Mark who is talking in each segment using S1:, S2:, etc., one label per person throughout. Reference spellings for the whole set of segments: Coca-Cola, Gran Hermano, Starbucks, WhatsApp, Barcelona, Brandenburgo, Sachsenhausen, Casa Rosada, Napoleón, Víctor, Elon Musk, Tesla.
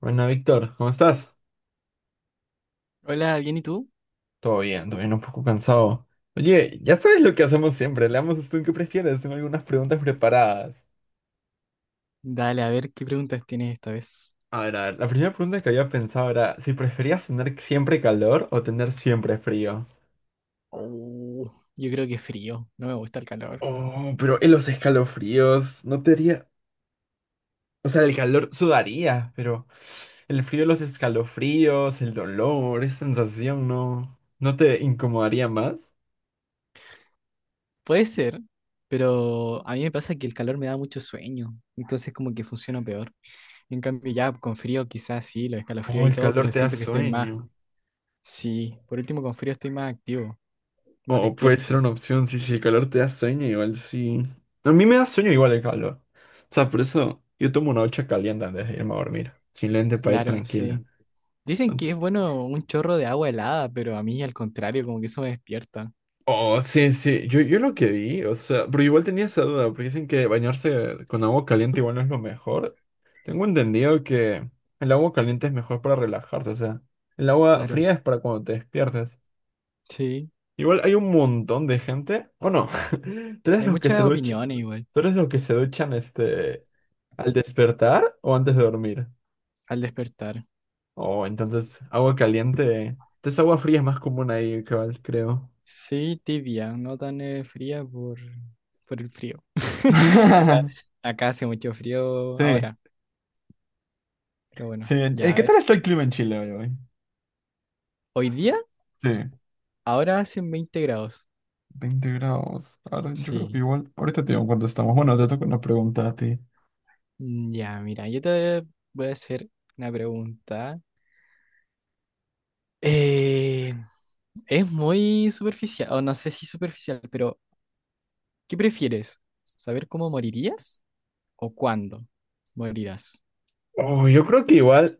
S1: Bueno, Víctor, ¿cómo estás?
S2: Hola, ¿bien y tú?
S1: Todo bien, un poco cansado. Oye, ya sabes lo que hacemos siempre, le damos esto en qué prefieres, tengo algunas preguntas preparadas.
S2: Dale, a ver qué preguntas tienes esta vez.
S1: A ver, la primera pregunta que había pensado era si preferías tener siempre calor o tener siempre frío.
S2: Oh, yo creo que frío, no me gusta el calor.
S1: Oh, pero en los escalofríos no te haría... O sea, el calor sudaría, pero el frío, los escalofríos, el dolor, esa sensación no... ¿No te incomodaría más?
S2: Puede ser, pero a mí me pasa que el calor me da mucho sueño, entonces como que funciona peor. En cambio ya con frío quizás sí, los escalofríos
S1: Oh,
S2: y
S1: el
S2: todo,
S1: calor
S2: pero
S1: te da
S2: siento que estoy más,
S1: sueño.
S2: sí, por último con frío estoy más activo, más
S1: O puede
S2: despierto.
S1: ser una opción, sí, si el calor te da sueño, igual sí. A mí me da sueño igual el calor. O sea, por eso yo tomo una ducha caliente antes de irme a dormir. Simplemente para ir
S2: Claro,
S1: tranquila.
S2: sí. Dicen que
S1: Entonces.
S2: es bueno un chorro de agua helada, pero a mí al contrario, como que eso me despierta.
S1: Oh, sí, sí. Yo lo que vi, o sea, pero igual tenía esa duda, porque dicen que bañarse con agua caliente igual no es lo mejor. Tengo entendido que el agua caliente es mejor para relajarse, o sea, el agua
S2: Claro,
S1: fría es para cuando te despiertas.
S2: sí.
S1: Igual hay un montón de gente, o no, tú eres
S2: Hay
S1: los que se
S2: muchas
S1: duchan,
S2: opiniones igual
S1: tú eres los que se duchan ¿al despertar o antes de dormir?
S2: al despertar.
S1: Oh, entonces agua caliente. Entonces agua fría es más común ahí, cabal, creo.
S2: Sí, tibia, no tan fría por el frío. Acá, acá hace mucho frío
S1: Sí,
S2: ahora, pero bueno,
S1: sí.
S2: ya
S1: Eh,
S2: a
S1: ¿Qué
S2: ver.
S1: tal está el clima en Chile hoy, hoy?
S2: Hoy día,
S1: Sí,
S2: ahora hacen 20 grados.
S1: 20 grados. Ahora, yo creo que
S2: Sí.
S1: igual. Ahorita te digo cuánto estamos. Bueno, te toca una pregunta a ti.
S2: Ya, mira, yo te voy a hacer una pregunta. Eh, es muy superficial, o no sé si superficial, pero ¿qué prefieres? ¿Saber cómo morirías o cuándo morirás?
S1: Oh, yo creo que igual,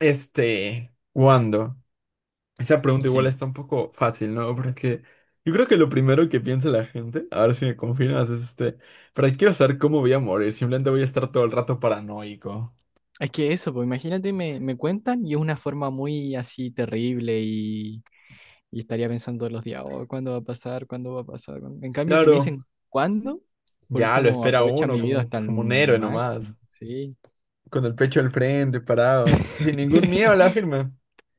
S1: ¿cuándo? Esa pregunta igual
S2: Sí.
S1: está un poco fácil, ¿no? Porque yo creo que lo primero que piensa la gente, a ver si me confirmas, es ¿para qué quiero saber cómo voy a morir? Simplemente voy a estar todo el rato paranoico.
S2: Es que eso, pues imagínate, me cuentan y es una forma muy así terrible y estaría pensando todos los días, oh, ¿cuándo va a pasar? ¿Cuándo va a pasar? ¿Cuándo? En cambio, si me dicen,
S1: Claro,
S2: ¿cuándo? Por
S1: ya lo
S2: último,
S1: espera
S2: aprovecha
S1: uno
S2: mi vida hasta el
S1: como un héroe
S2: máximo,
S1: nomás,
S2: sí.
S1: con el pecho al frente, parado, sin ningún miedo a la firma.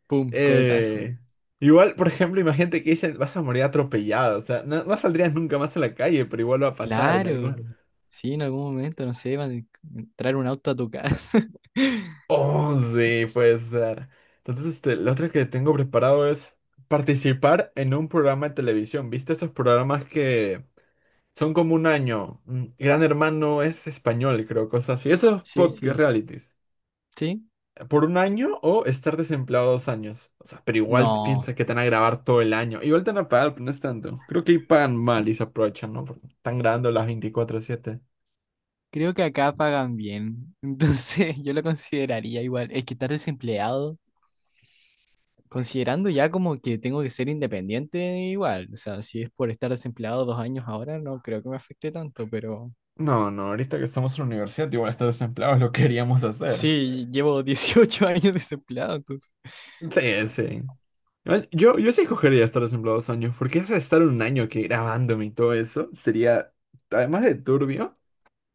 S2: Pum, cohetazo.
S1: Eh, Igual, por ejemplo, imagínate que dicen, vas a morir atropellado, o sea, no, no saldrías nunca más a la calle, pero igual va a pasar en
S2: Claro,
S1: algún...
S2: sí, en algún momento, no sé, van a entrar un auto a tu casa.
S1: Oh, sí, puede ser. Entonces, la otra que tengo preparado es participar en un programa de televisión. ¿Viste esos programas que son como un año? Mm, Gran Hermano es español, creo, cosas así. Esos
S2: Sí,
S1: podcast
S2: sí,
S1: realities.
S2: sí.
S1: Por un año o estar desempleado dos años. O sea, pero igual
S2: No,
S1: piensa que te van a grabar todo el año. Igual te van a pagar, pero no es tanto. Creo que ahí pagan mal y se aprovechan, ¿no? Porque están grabando las 24/7.
S2: creo que acá pagan bien. Entonces, yo lo consideraría igual. Es que estar desempleado. Considerando ya como que tengo que ser independiente igual, o sea, si es por estar desempleado 2 años ahora, no creo que me afecte tanto, pero
S1: No, no, ahorita que estamos en la universidad, igual estar desempleado lo queríamos hacer.
S2: sí, llevo 18 años desempleado, entonces,
S1: Sí, sí. Ay, yo sí cogería estar desempleado 2 años, porque eso de estar un año que grabándome y todo eso sería, además de turbio,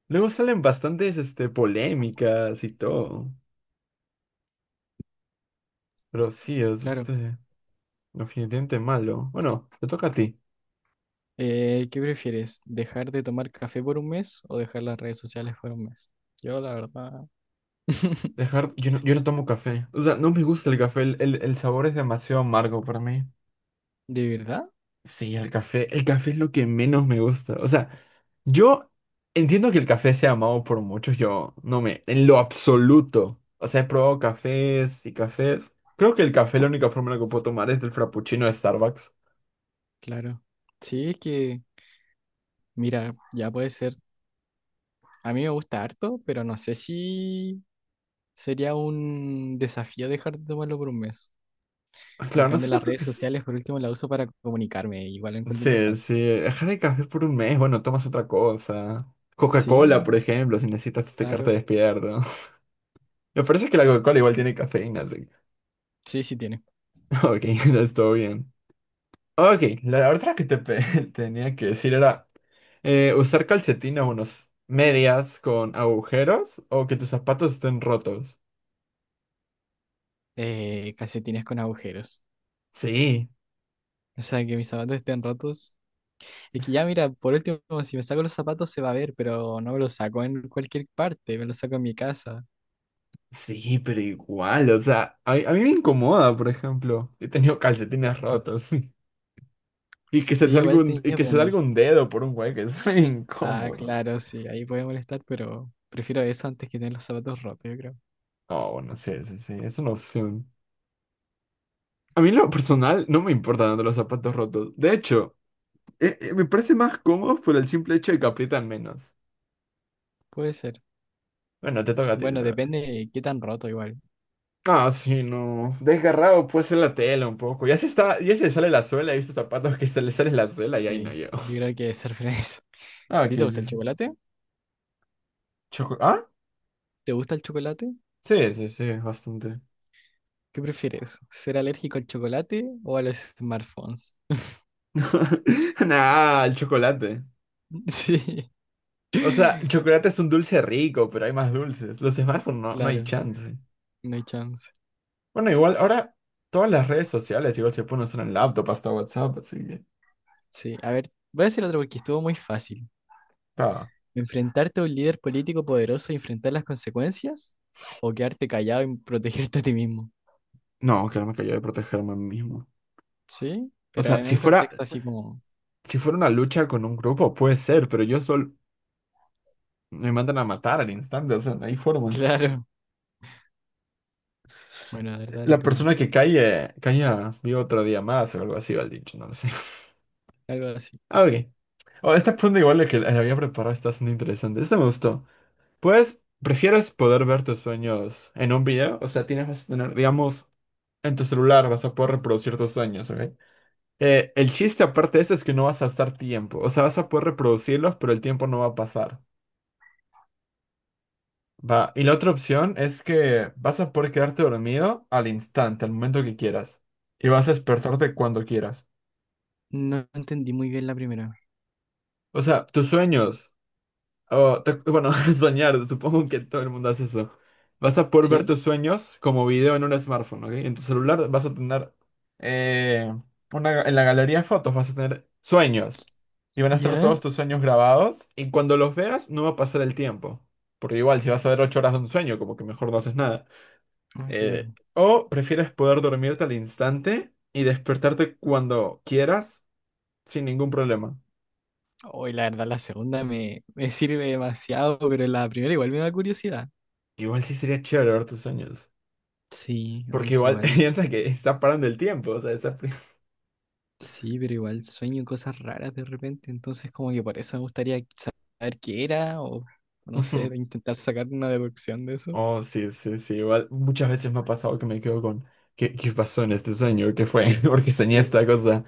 S1: luego salen bastantes polémicas y todo. Pero sí, es
S2: claro.
S1: definitivamente malo. Bueno, te toca a ti.
S2: ¿Qué prefieres? ¿Dejar de tomar café por un mes o dejar las redes sociales por un mes? Yo, la verdad,
S1: Dejar, yo no tomo café. O sea, no me gusta el café, el sabor es demasiado amargo para mí.
S2: ¿de verdad?
S1: Sí, el café es lo que menos me gusta. O sea, yo entiendo que el café sea amado por muchos, yo no me, en lo absoluto. O sea, he probado cafés y cafés. Creo que el café, la única forma en la que puedo tomar es del frappuccino de Starbucks.
S2: Claro. Sí, es que, mira, ya puede ser, a mí me gusta harto, pero no sé si sería un desafío dejar de tomarlo por un mes.
S1: Ah,
S2: En
S1: claro, no
S2: cambio,
S1: sé, no
S2: las
S1: creo
S2: redes
S1: que s-
S2: sociales, por último, las uso para comunicarme. Igual lo encuentro
S1: se,
S2: importante.
S1: se dejar el café por un mes, bueno, tomas otra cosa. Coca-Cola, por
S2: Sí,
S1: ejemplo, si necesitas carta
S2: claro.
S1: despierto. Me parece que la Coca-Cola igual tiene cafeína, así. Que...
S2: Sí, sí tiene.
S1: Ok, está todo bien. Ok, la otra que te pe- tenía que decir era usar calcetines, unos medias con agujeros o que tus zapatos estén rotos.
S2: Calcetines con agujeros.
S1: Sí,
S2: O sea, que mis zapatos estén rotos. Es que ya, mira, por último, si me saco los zapatos se va a ver, pero no me los saco en cualquier parte, me los saco en mi casa.
S1: sí, pero igual, o sea, a mí me incomoda, por ejemplo. He tenido calcetines rotos
S2: Sí, igual
S1: y
S2: tenía,
S1: que
S2: pero
S1: se salga un dedo por un hueco, es re
S2: Ah,
S1: incómodo.
S2: claro, sí, ahí puede molestar, pero prefiero eso antes que tener los zapatos rotos, yo creo.
S1: Oh, bueno, sí, sí, sí, es una opción. A mí en lo personal no me importan los zapatos rotos. De hecho, me parece más cómodo por el simple hecho de que aprietan menos.
S2: Puede ser.
S1: Bueno, te toca a ti, te
S2: Bueno,
S1: toca a ti.
S2: depende de qué tan roto igual.
S1: Ah, sí, no. Desgarrado puede ser la tela un poco. Ya se le sale la suela. He visto zapatos que se le sale la suela y ahí no
S2: Sí,
S1: llego.
S2: yo creo que ser feliz. ¿A
S1: Ah,
S2: ti
S1: ¿qué
S2: te gusta el
S1: dices?
S2: chocolate?
S1: ¿Choco? ¿Ah?
S2: ¿Te gusta el chocolate?
S1: Sí, sí, sí, bastante.
S2: ¿Qué prefieres? ¿Ser alérgico al chocolate o a los smartphones?
S1: Nah, el chocolate.
S2: Sí,
S1: O sea, el chocolate es un dulce rico, pero hay más dulces. Los smartphones no, no hay
S2: claro,
S1: chance.
S2: no hay chance.
S1: Bueno, igual ahora todas las redes sociales igual se pueden usar en laptop hasta WhatsApp, así que...
S2: Sí, a ver, voy a decir otro porque estuvo muy fácil.
S1: Ah.
S2: ¿Enfrentarte a un líder político poderoso y enfrentar las consecuencias? ¿O quedarte callado y protegerte a ti mismo?
S1: No, que no me cayó de protegerme a mí mismo.
S2: Sí,
S1: O
S2: pero
S1: sea,
S2: en un contexto así como...
S1: Si fuera una lucha con un grupo, puede ser, pero yo solo me mandan a matar al instante, o sea, no hay forma.
S2: Claro. Bueno, a ver, dale
S1: La
S2: tú una.
S1: persona que cae, caía vive otro día más o algo así, va el dicho, no lo sé.
S2: Algo así.
S1: Ah, ok. Oh, esta pregunta igual la que la había preparado está siendo interesante. Esta me gustó. Pues, ¿prefieres poder ver tus sueños en un video? O sea, tienes, vas a tener, digamos, en tu celular vas a poder reproducir tus sueños, ¿ok? El chiste aparte de eso es que no vas a estar tiempo. O sea, vas a poder reproducirlos, pero el tiempo no va a pasar. Va, y la otra opción es que vas a poder quedarte dormido al instante, al momento que quieras. Y vas a despertarte cuando quieras.
S2: No entendí muy bien la primera.
S1: O sea, tus sueños, bueno, soñar, supongo que todo el mundo hace eso. Vas a poder ver
S2: ¿Sí?
S1: tus sueños como video en un smartphone, ¿ok? En tu celular vas a tener, eh, en la galería de fotos vas a tener sueños. Y van a estar todos
S2: ¿Ya?
S1: tus sueños grabados. Y cuando los veas, no va a pasar el tiempo. Porque igual, si vas a ver 8 horas de un sueño, como que mejor no haces nada.
S2: Ah,
S1: Eh,
S2: claro.
S1: o prefieres poder dormirte al instante y despertarte cuando quieras sin ningún problema.
S2: Hoy la verdad, la segunda me sirve demasiado, pero la primera igual me da curiosidad.
S1: Igual sí sería chévere ver tus sueños.
S2: Sí,
S1: Porque
S2: aunque
S1: igual
S2: igual,
S1: piensa que está parando el tiempo. O sea, está...
S2: sí, pero igual sueño cosas raras de repente, entonces como que por eso me gustaría saber qué era o no sé,
S1: Ujú.
S2: de intentar sacar una deducción de eso.
S1: Oh, sí, sí, sí. Igual muchas veces me ha pasado que me quedo con... ¿Qué pasó en este sueño? ¿Qué fue? Porque soñé
S2: Sí,
S1: esta cosa.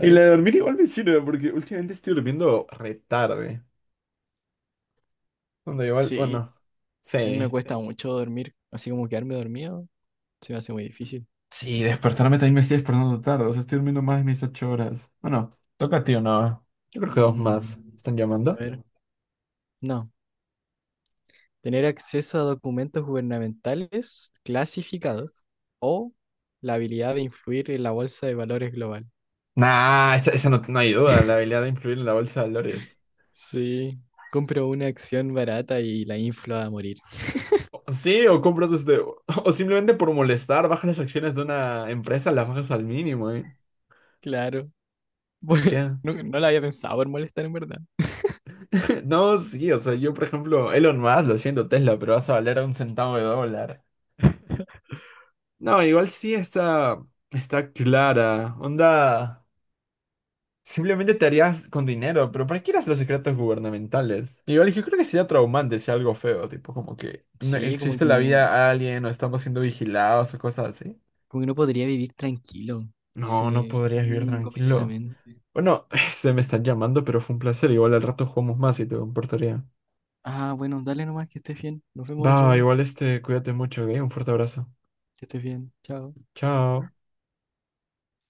S1: Y la de dormir igual me sirve porque últimamente estoy durmiendo re tarde. Cuando igual,
S2: Sí,
S1: bueno,
S2: a mí me
S1: sí.
S2: cuesta mucho dormir, así como quedarme dormido, se me hace muy difícil.
S1: Sí, despertarme también me estoy despertando tarde, o sea, estoy durmiendo más de mis 8 horas. Bueno, toca a ti o no. Yo creo que dos más.
S2: Mm,
S1: ¿Están
S2: a
S1: llamando?
S2: ver, no, tener acceso a documentos gubernamentales clasificados o la habilidad de influir en la bolsa de valores global.
S1: Nah, esa no, no hay duda, la habilidad de influir en la bolsa de valores.
S2: Sí, compro una acción barata y la inflo a morir.
S1: O... Sí, o compras o simplemente por molestar, bajas las acciones de una empresa, las bajas al mínimo, ¿eh?
S2: Claro. Bueno,
S1: ¿Qué?
S2: no, no la había pensado por molestar en verdad.
S1: No, sí, o sea, yo por ejemplo, Elon Musk, lo siento Tesla, pero vas a valer a un centavo de dólar. No, igual sí está, está clara. Onda. Simplemente te harías con dinero, pero ¿para qué eras los secretos gubernamentales? Igual yo creo que sería traumante, sea algo feo, tipo como que no
S2: Sí, como
S1: existe
S2: que
S1: la vida a alguien o estamos siendo vigilados o cosas así.
S2: como que no podría vivir tranquilo.
S1: No, no
S2: Se
S1: podrías
S2: me
S1: vivir
S2: me comería la
S1: tranquilo.
S2: mente.
S1: Bueno, este me están llamando, pero fue un placer. Igual al rato jugamos más y te comportaría.
S2: Ah, bueno, dale nomás que estés bien. Nos vemos otro
S1: Va,
S2: día.
S1: igual este, cuídate mucho, ¿ok? Un fuerte abrazo.
S2: Que estés bien. Chao.
S1: Chao.